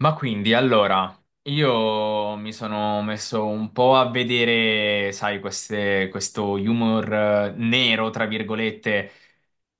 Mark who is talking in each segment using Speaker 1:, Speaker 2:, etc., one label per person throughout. Speaker 1: Allora, io mi sono messo un po' a vedere, sai, questo humor nero, tra virgolette,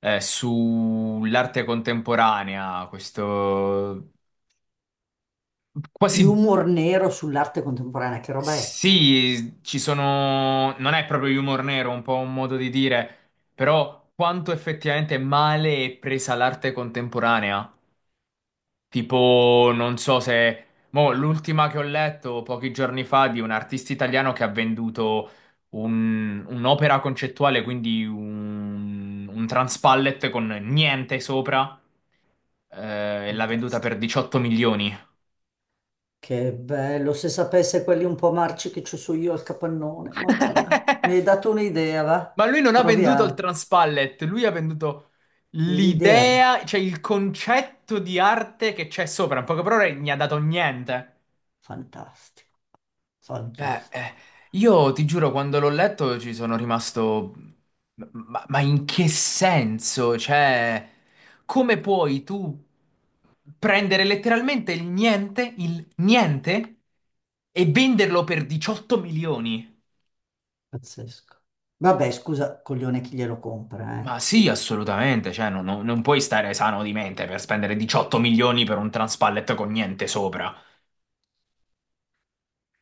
Speaker 1: sull'arte contemporanea, questo quasi
Speaker 2: Humor nero sull'arte contemporanea, che roba è?
Speaker 1: sì, ci sono non è proprio humor nero, un po' un modo di dire, però quanto effettivamente male è presa l'arte contemporanea. Tipo, non so se... Mo, l'ultima che ho letto pochi giorni fa di un artista italiano che ha venduto un'opera concettuale, quindi un transpallet con niente sopra, e l'ha venduta per
Speaker 2: Fantastico.
Speaker 1: 18 milioni.
Speaker 2: Che bello, se sapesse quelli un po' marci che ci so io al capannone, Madonna. Mi hai dato un'idea, va?
Speaker 1: Ma lui non ha venduto il
Speaker 2: Proviamo.
Speaker 1: transpallet, lui ha venduto
Speaker 2: L'idea, de-
Speaker 1: l'idea, cioè il concetto di arte che c'è sopra. In poche parole, gli ha dato niente.
Speaker 2: fantastico,
Speaker 1: Eh, eh,
Speaker 2: fantastico,
Speaker 1: io ti giuro, quando l'ho letto ci sono rimasto... ma in che senso? Cioè, come puoi tu prendere letteralmente il niente, e venderlo per 18 milioni?
Speaker 2: pazzesco. Vabbè, scusa, coglione, chi glielo compra, eh?
Speaker 1: Ma sì, assolutamente, cioè, non puoi stare sano di mente per spendere 18 milioni per un transpallet con niente sopra.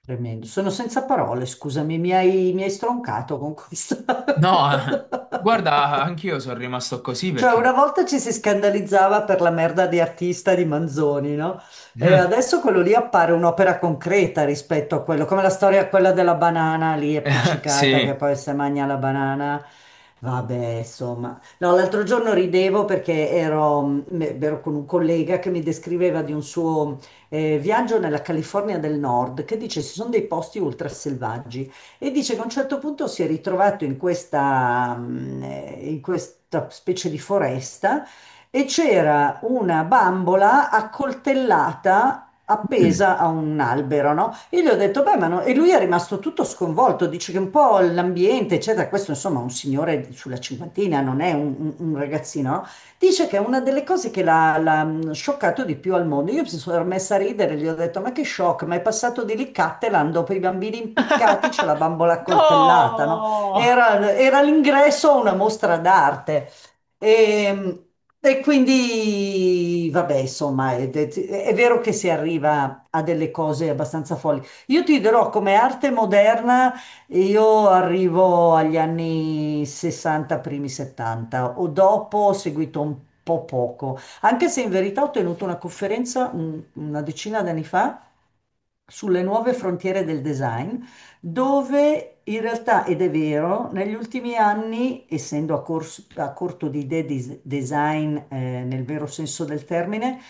Speaker 2: Tremendo. Sono senza parole, scusami, mi hai stroncato con questa.
Speaker 1: No, guarda, anch'io sono rimasto così
Speaker 2: Cioè, una
Speaker 1: perché...
Speaker 2: volta ci si scandalizzava per la merda di artista di Manzoni, no? E adesso quello lì appare un'opera concreta rispetto a quello, come la storia quella della banana lì appiccicata che
Speaker 1: Sì.
Speaker 2: poi se mangia la banana. Vabbè, insomma. No, l'altro giorno ridevo perché ero con un collega che mi descriveva di un suo viaggio nella California del Nord, che dice ci sono dei posti ultraselvaggi e dice che a un certo punto si è ritrovato in in questa specie di foresta e c'era una bambola accoltellata appesa a un albero, no? Io gli ho detto, beh, ma no, e lui è rimasto tutto sconvolto, dice che un po' l'ambiente, eccetera, questo insomma è un signore sulla cinquantina, non è un ragazzino, no? Dice che è una delle cose che l'ha scioccato di più al mondo. Io mi sono messa a ridere, gli ho detto: ma che shock, ma è passato di lì Cattelan dopo i bambini impiccati, c'è la bambola accoltellata, no?
Speaker 1: No!
Speaker 2: Era, era l'ingresso a una mostra d'arte. E vabbè, insomma, è vero che si arriva a delle cose abbastanza folli. Io ti dirò come arte moderna. E io arrivo agli anni 60, primi 70 o dopo ho seguito un po' poco, anche se in verità ho tenuto una conferenza una decina d'anni fa sulle nuove frontiere del design, dove in realtà, ed è vero, negli ultimi anni, essendo a corto di idee di design nel vero senso del termine,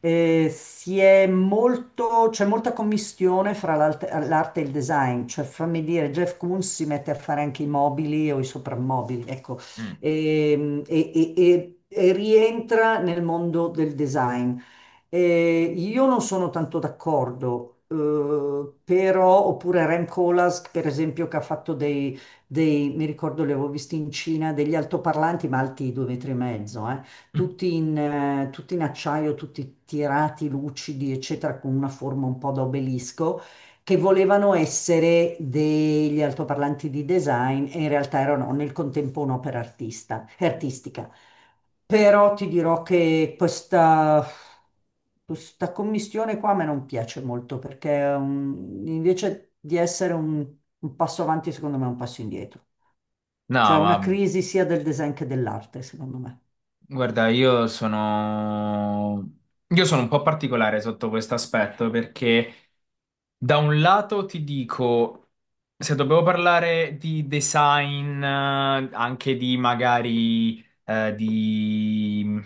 Speaker 2: c'è molta commistione fra l'arte e il design, cioè fammi dire, Jeff Koons si mette a fare anche i mobili o i soprammobili, ecco.
Speaker 1: Mm.
Speaker 2: E rientra nel mondo del design. Io non sono tanto d'accordo, però, oppure Rem Koolhaas, per esempio, che ha fatto mi ricordo, li avevo visti in Cina, degli altoparlanti, ma alti due metri e mezzo, tutti in acciaio, tutti tirati, lucidi, eccetera, con una forma un po' da obelisco che volevano essere degli altoparlanti di design e in realtà erano nel contempo artistica. Però ti dirò che questa commistione qua a me non piace molto perché invece di essere un passo avanti, secondo me è un passo indietro. Cioè
Speaker 1: No, ma
Speaker 2: una crisi sia del design che dell'arte, secondo me.
Speaker 1: guarda, io sono un po' particolare sotto questo aspetto perché da un lato ti dico, se dobbiamo parlare di design, anche di magari di...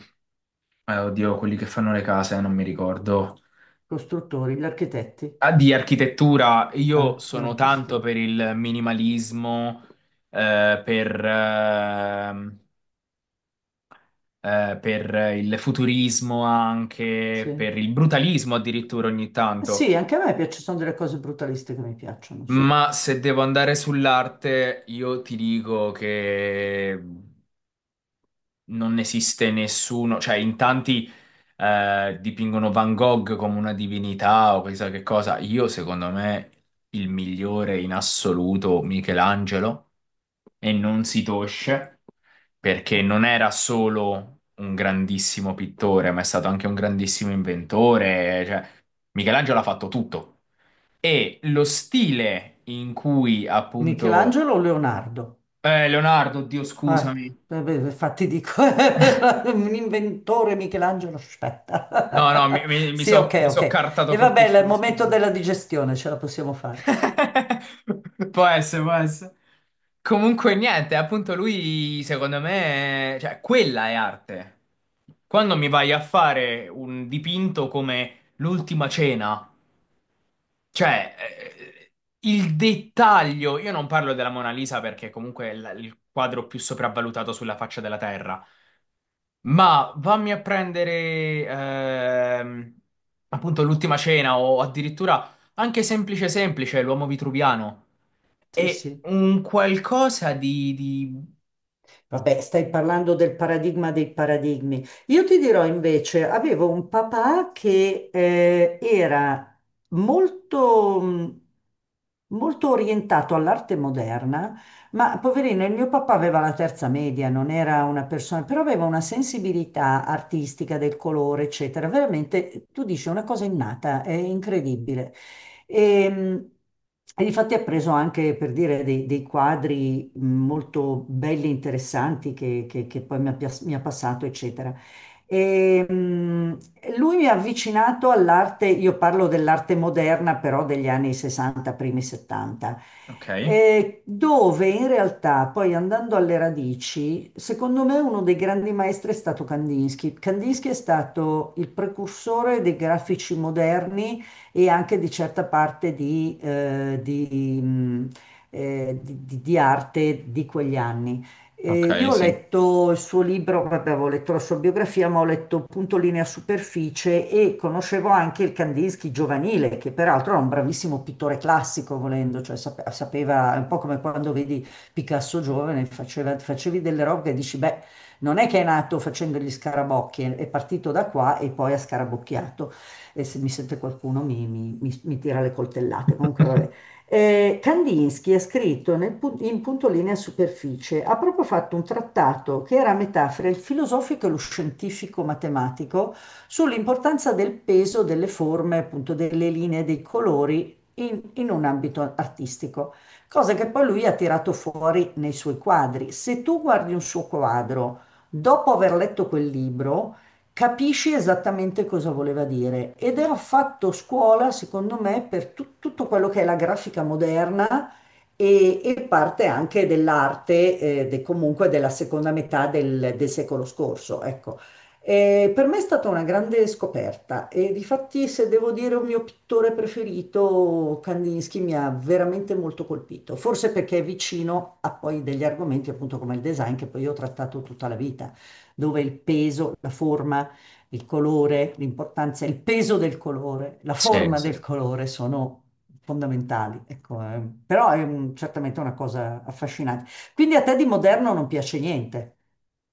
Speaker 1: oddio, quelli che fanno le case, non mi ricordo.
Speaker 2: Costruttori, gli architetti,
Speaker 1: Ah, di architettura, io
Speaker 2: ah, gli
Speaker 1: sono tanto
Speaker 2: architettori,
Speaker 1: per il minimalismo, eh, per, ehm, per il futurismo anche,
Speaker 2: sì.
Speaker 1: per il brutalismo addirittura ogni tanto.
Speaker 2: Sì, anche a me piace, sono delle cose brutaliste che mi piacciono, sì.
Speaker 1: Ma se devo andare sull'arte, io ti dico che non esiste nessuno, cioè in tanti dipingono Van Gogh come una divinità o chissà che cosa. Io, secondo me, il migliore in assoluto Michelangelo e non si tosce perché non era solo un grandissimo pittore, ma è stato anche un grandissimo inventore. Cioè, Michelangelo ha fatto tutto. E lo stile in cui appunto
Speaker 2: Michelangelo o Leonardo?
Speaker 1: Leonardo, Dio
Speaker 2: Ah,
Speaker 1: scusami.
Speaker 2: beh, infatti dico, un inventore Michelangelo, aspetta.
Speaker 1: No, no,
Speaker 2: Sì, ok,
Speaker 1: mi
Speaker 2: ok.
Speaker 1: so cartato
Speaker 2: E va bene, è il
Speaker 1: fortissimo,
Speaker 2: momento
Speaker 1: scusami.
Speaker 2: della digestione, ce la possiamo fare.
Speaker 1: Può essere, può essere. Comunque niente, appunto lui secondo me, cioè quella è arte. Quando mi vai a fare un dipinto come l'ultima cena, cioè il dettaglio, io non parlo della Mona Lisa perché comunque è il quadro più sopravvalutato sulla faccia della terra. Ma vammi a prendere appunto l'ultima cena o addirittura anche semplice semplice, l'uomo vitruviano.
Speaker 2: Sì,
Speaker 1: E
Speaker 2: sì.
Speaker 1: un qualcosa di...
Speaker 2: Vabbè, stai parlando del paradigma dei paradigmi. Io ti dirò invece, avevo un papà che era molto, mh, molto orientato all'arte moderna, ma poverino, il mio papà aveva la terza media, non era una persona, però aveva una sensibilità artistica del colore, eccetera. Veramente, tu dici, è una cosa innata, è incredibile. E, e difatti ha preso anche, per dire, dei quadri molto belli e interessanti che poi mi ha passato, eccetera. E, mh, lui mi ha avvicinato all'arte, io parlo dell'arte moderna, però degli anni 60, primi 70,
Speaker 1: Ok.
Speaker 2: dove in realtà, poi andando alle radici, secondo me uno dei grandi maestri è stato Kandinsky. Kandinsky è stato il precursore dei grafici moderni e anche di certa parte di arte di quegli anni.
Speaker 1: Ok,
Speaker 2: Io ho
Speaker 1: sì.
Speaker 2: letto il suo libro, vabbè, avevo letto la sua biografia, ma ho letto appunto Linea Superficie e conoscevo anche il Kandinsky giovanile, che peraltro era un bravissimo pittore classico, volendo, cioè sapeva, è un po' come quando vedi Picasso giovane, facevi delle robe e dici, beh, non è che è nato facendo gli scarabocchi, è partito da qua e poi ha scarabocchiato e se mi sente qualcuno mi tira le coltellate. Comunque, vabbè. Kandinsky ha scritto in Punto Linea e Superficie, ha proprio fatto un trattato che era a metà fra il filosofico e lo scientifico matematico sull'importanza del peso delle forme, appunto delle linee, dei colori in un ambito artistico, cosa che poi lui ha tirato fuori nei suoi quadri. Se tu guardi un suo quadro dopo aver letto quel libro, capisci esattamente cosa voleva dire. Ed era fatto scuola, secondo me, per tutto quello che è la grafica moderna e parte anche dell'arte, comunque della seconda metà del secolo scorso, ecco. Per me è stata una grande scoperta e difatti se devo dire un mio pittore preferito, Kandinsky mi ha veramente molto colpito, forse perché è vicino a poi degli argomenti appunto come il design che poi io ho trattato tutta la vita, dove il peso, la forma, il colore, l'importanza, il peso del colore, la
Speaker 1: Sì,
Speaker 2: forma
Speaker 1: sì.
Speaker 2: del colore sono fondamentali. Ecco, però certamente una cosa affascinante. Quindi a te di moderno non piace niente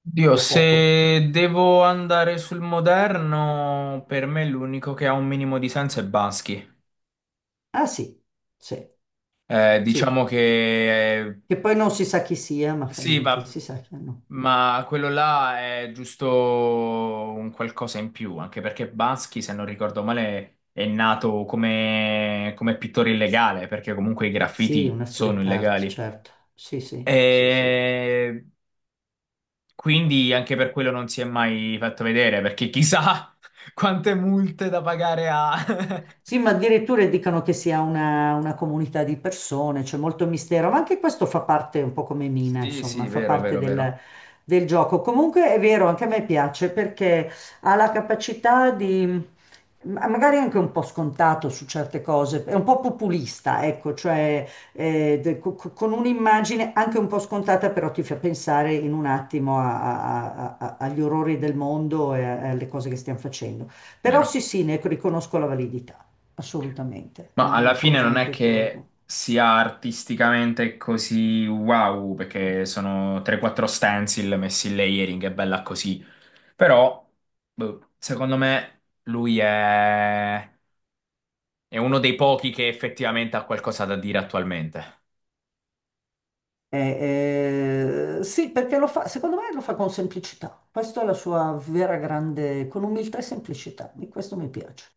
Speaker 1: Dio,
Speaker 2: o poco?
Speaker 1: se devo andare sul moderno, per me l'unico che ha un minimo di senso è Bansky.
Speaker 2: Ah sì, sì,
Speaker 1: Eh,
Speaker 2: sì.
Speaker 1: diciamo che eh,
Speaker 2: Che poi non si sa chi sia, ma fa
Speaker 1: sì,
Speaker 2: niente,
Speaker 1: va.
Speaker 2: si sa chi no.
Speaker 1: Ma quello là è giusto un qualcosa in più, anche perché Bansky, se non ricordo male, è nato come, come pittore illegale, perché comunque i
Speaker 2: Sì,
Speaker 1: graffiti
Speaker 2: una
Speaker 1: sono
Speaker 2: street art,
Speaker 1: illegali.
Speaker 2: certo. Sì, sì, sì, sì.
Speaker 1: E quindi anche per quello non si è mai fatto vedere, perché chissà quante multe da pagare ha.
Speaker 2: Sì, ma addirittura dicono che sia una comunità di persone, c'è molto mistero, ma anche questo fa parte un po' come Mina,
Speaker 1: Sì,
Speaker 2: insomma,
Speaker 1: sì,
Speaker 2: fa
Speaker 1: vero,
Speaker 2: parte
Speaker 1: vero, vero,
Speaker 2: del gioco. Comunque è vero, anche a me piace perché ha la capacità di, magari anche un po' scontato su certe cose, è un po' populista, ecco, cioè con un'immagine anche un po' scontata, però ti fa pensare in un attimo agli orrori del mondo e alle cose che stiamo facendo. Però
Speaker 1: vero.
Speaker 2: sì, sì, ne riconosco la validità assolutamente, è
Speaker 1: Ma
Speaker 2: una
Speaker 1: alla fine
Speaker 2: cosa,
Speaker 1: non
Speaker 2: un
Speaker 1: è che
Speaker 2: petto.
Speaker 1: sia artisticamente così wow, perché sono 3-4 stencil messi in layering, è bella così. Però, boh, secondo me, è uno dei pochi che effettivamente ha qualcosa da dire attualmente.
Speaker 2: Sì, perché lo fa, secondo me lo fa con semplicità. Questa è la sua vera grande, con umiltà e semplicità, e questo mi piace.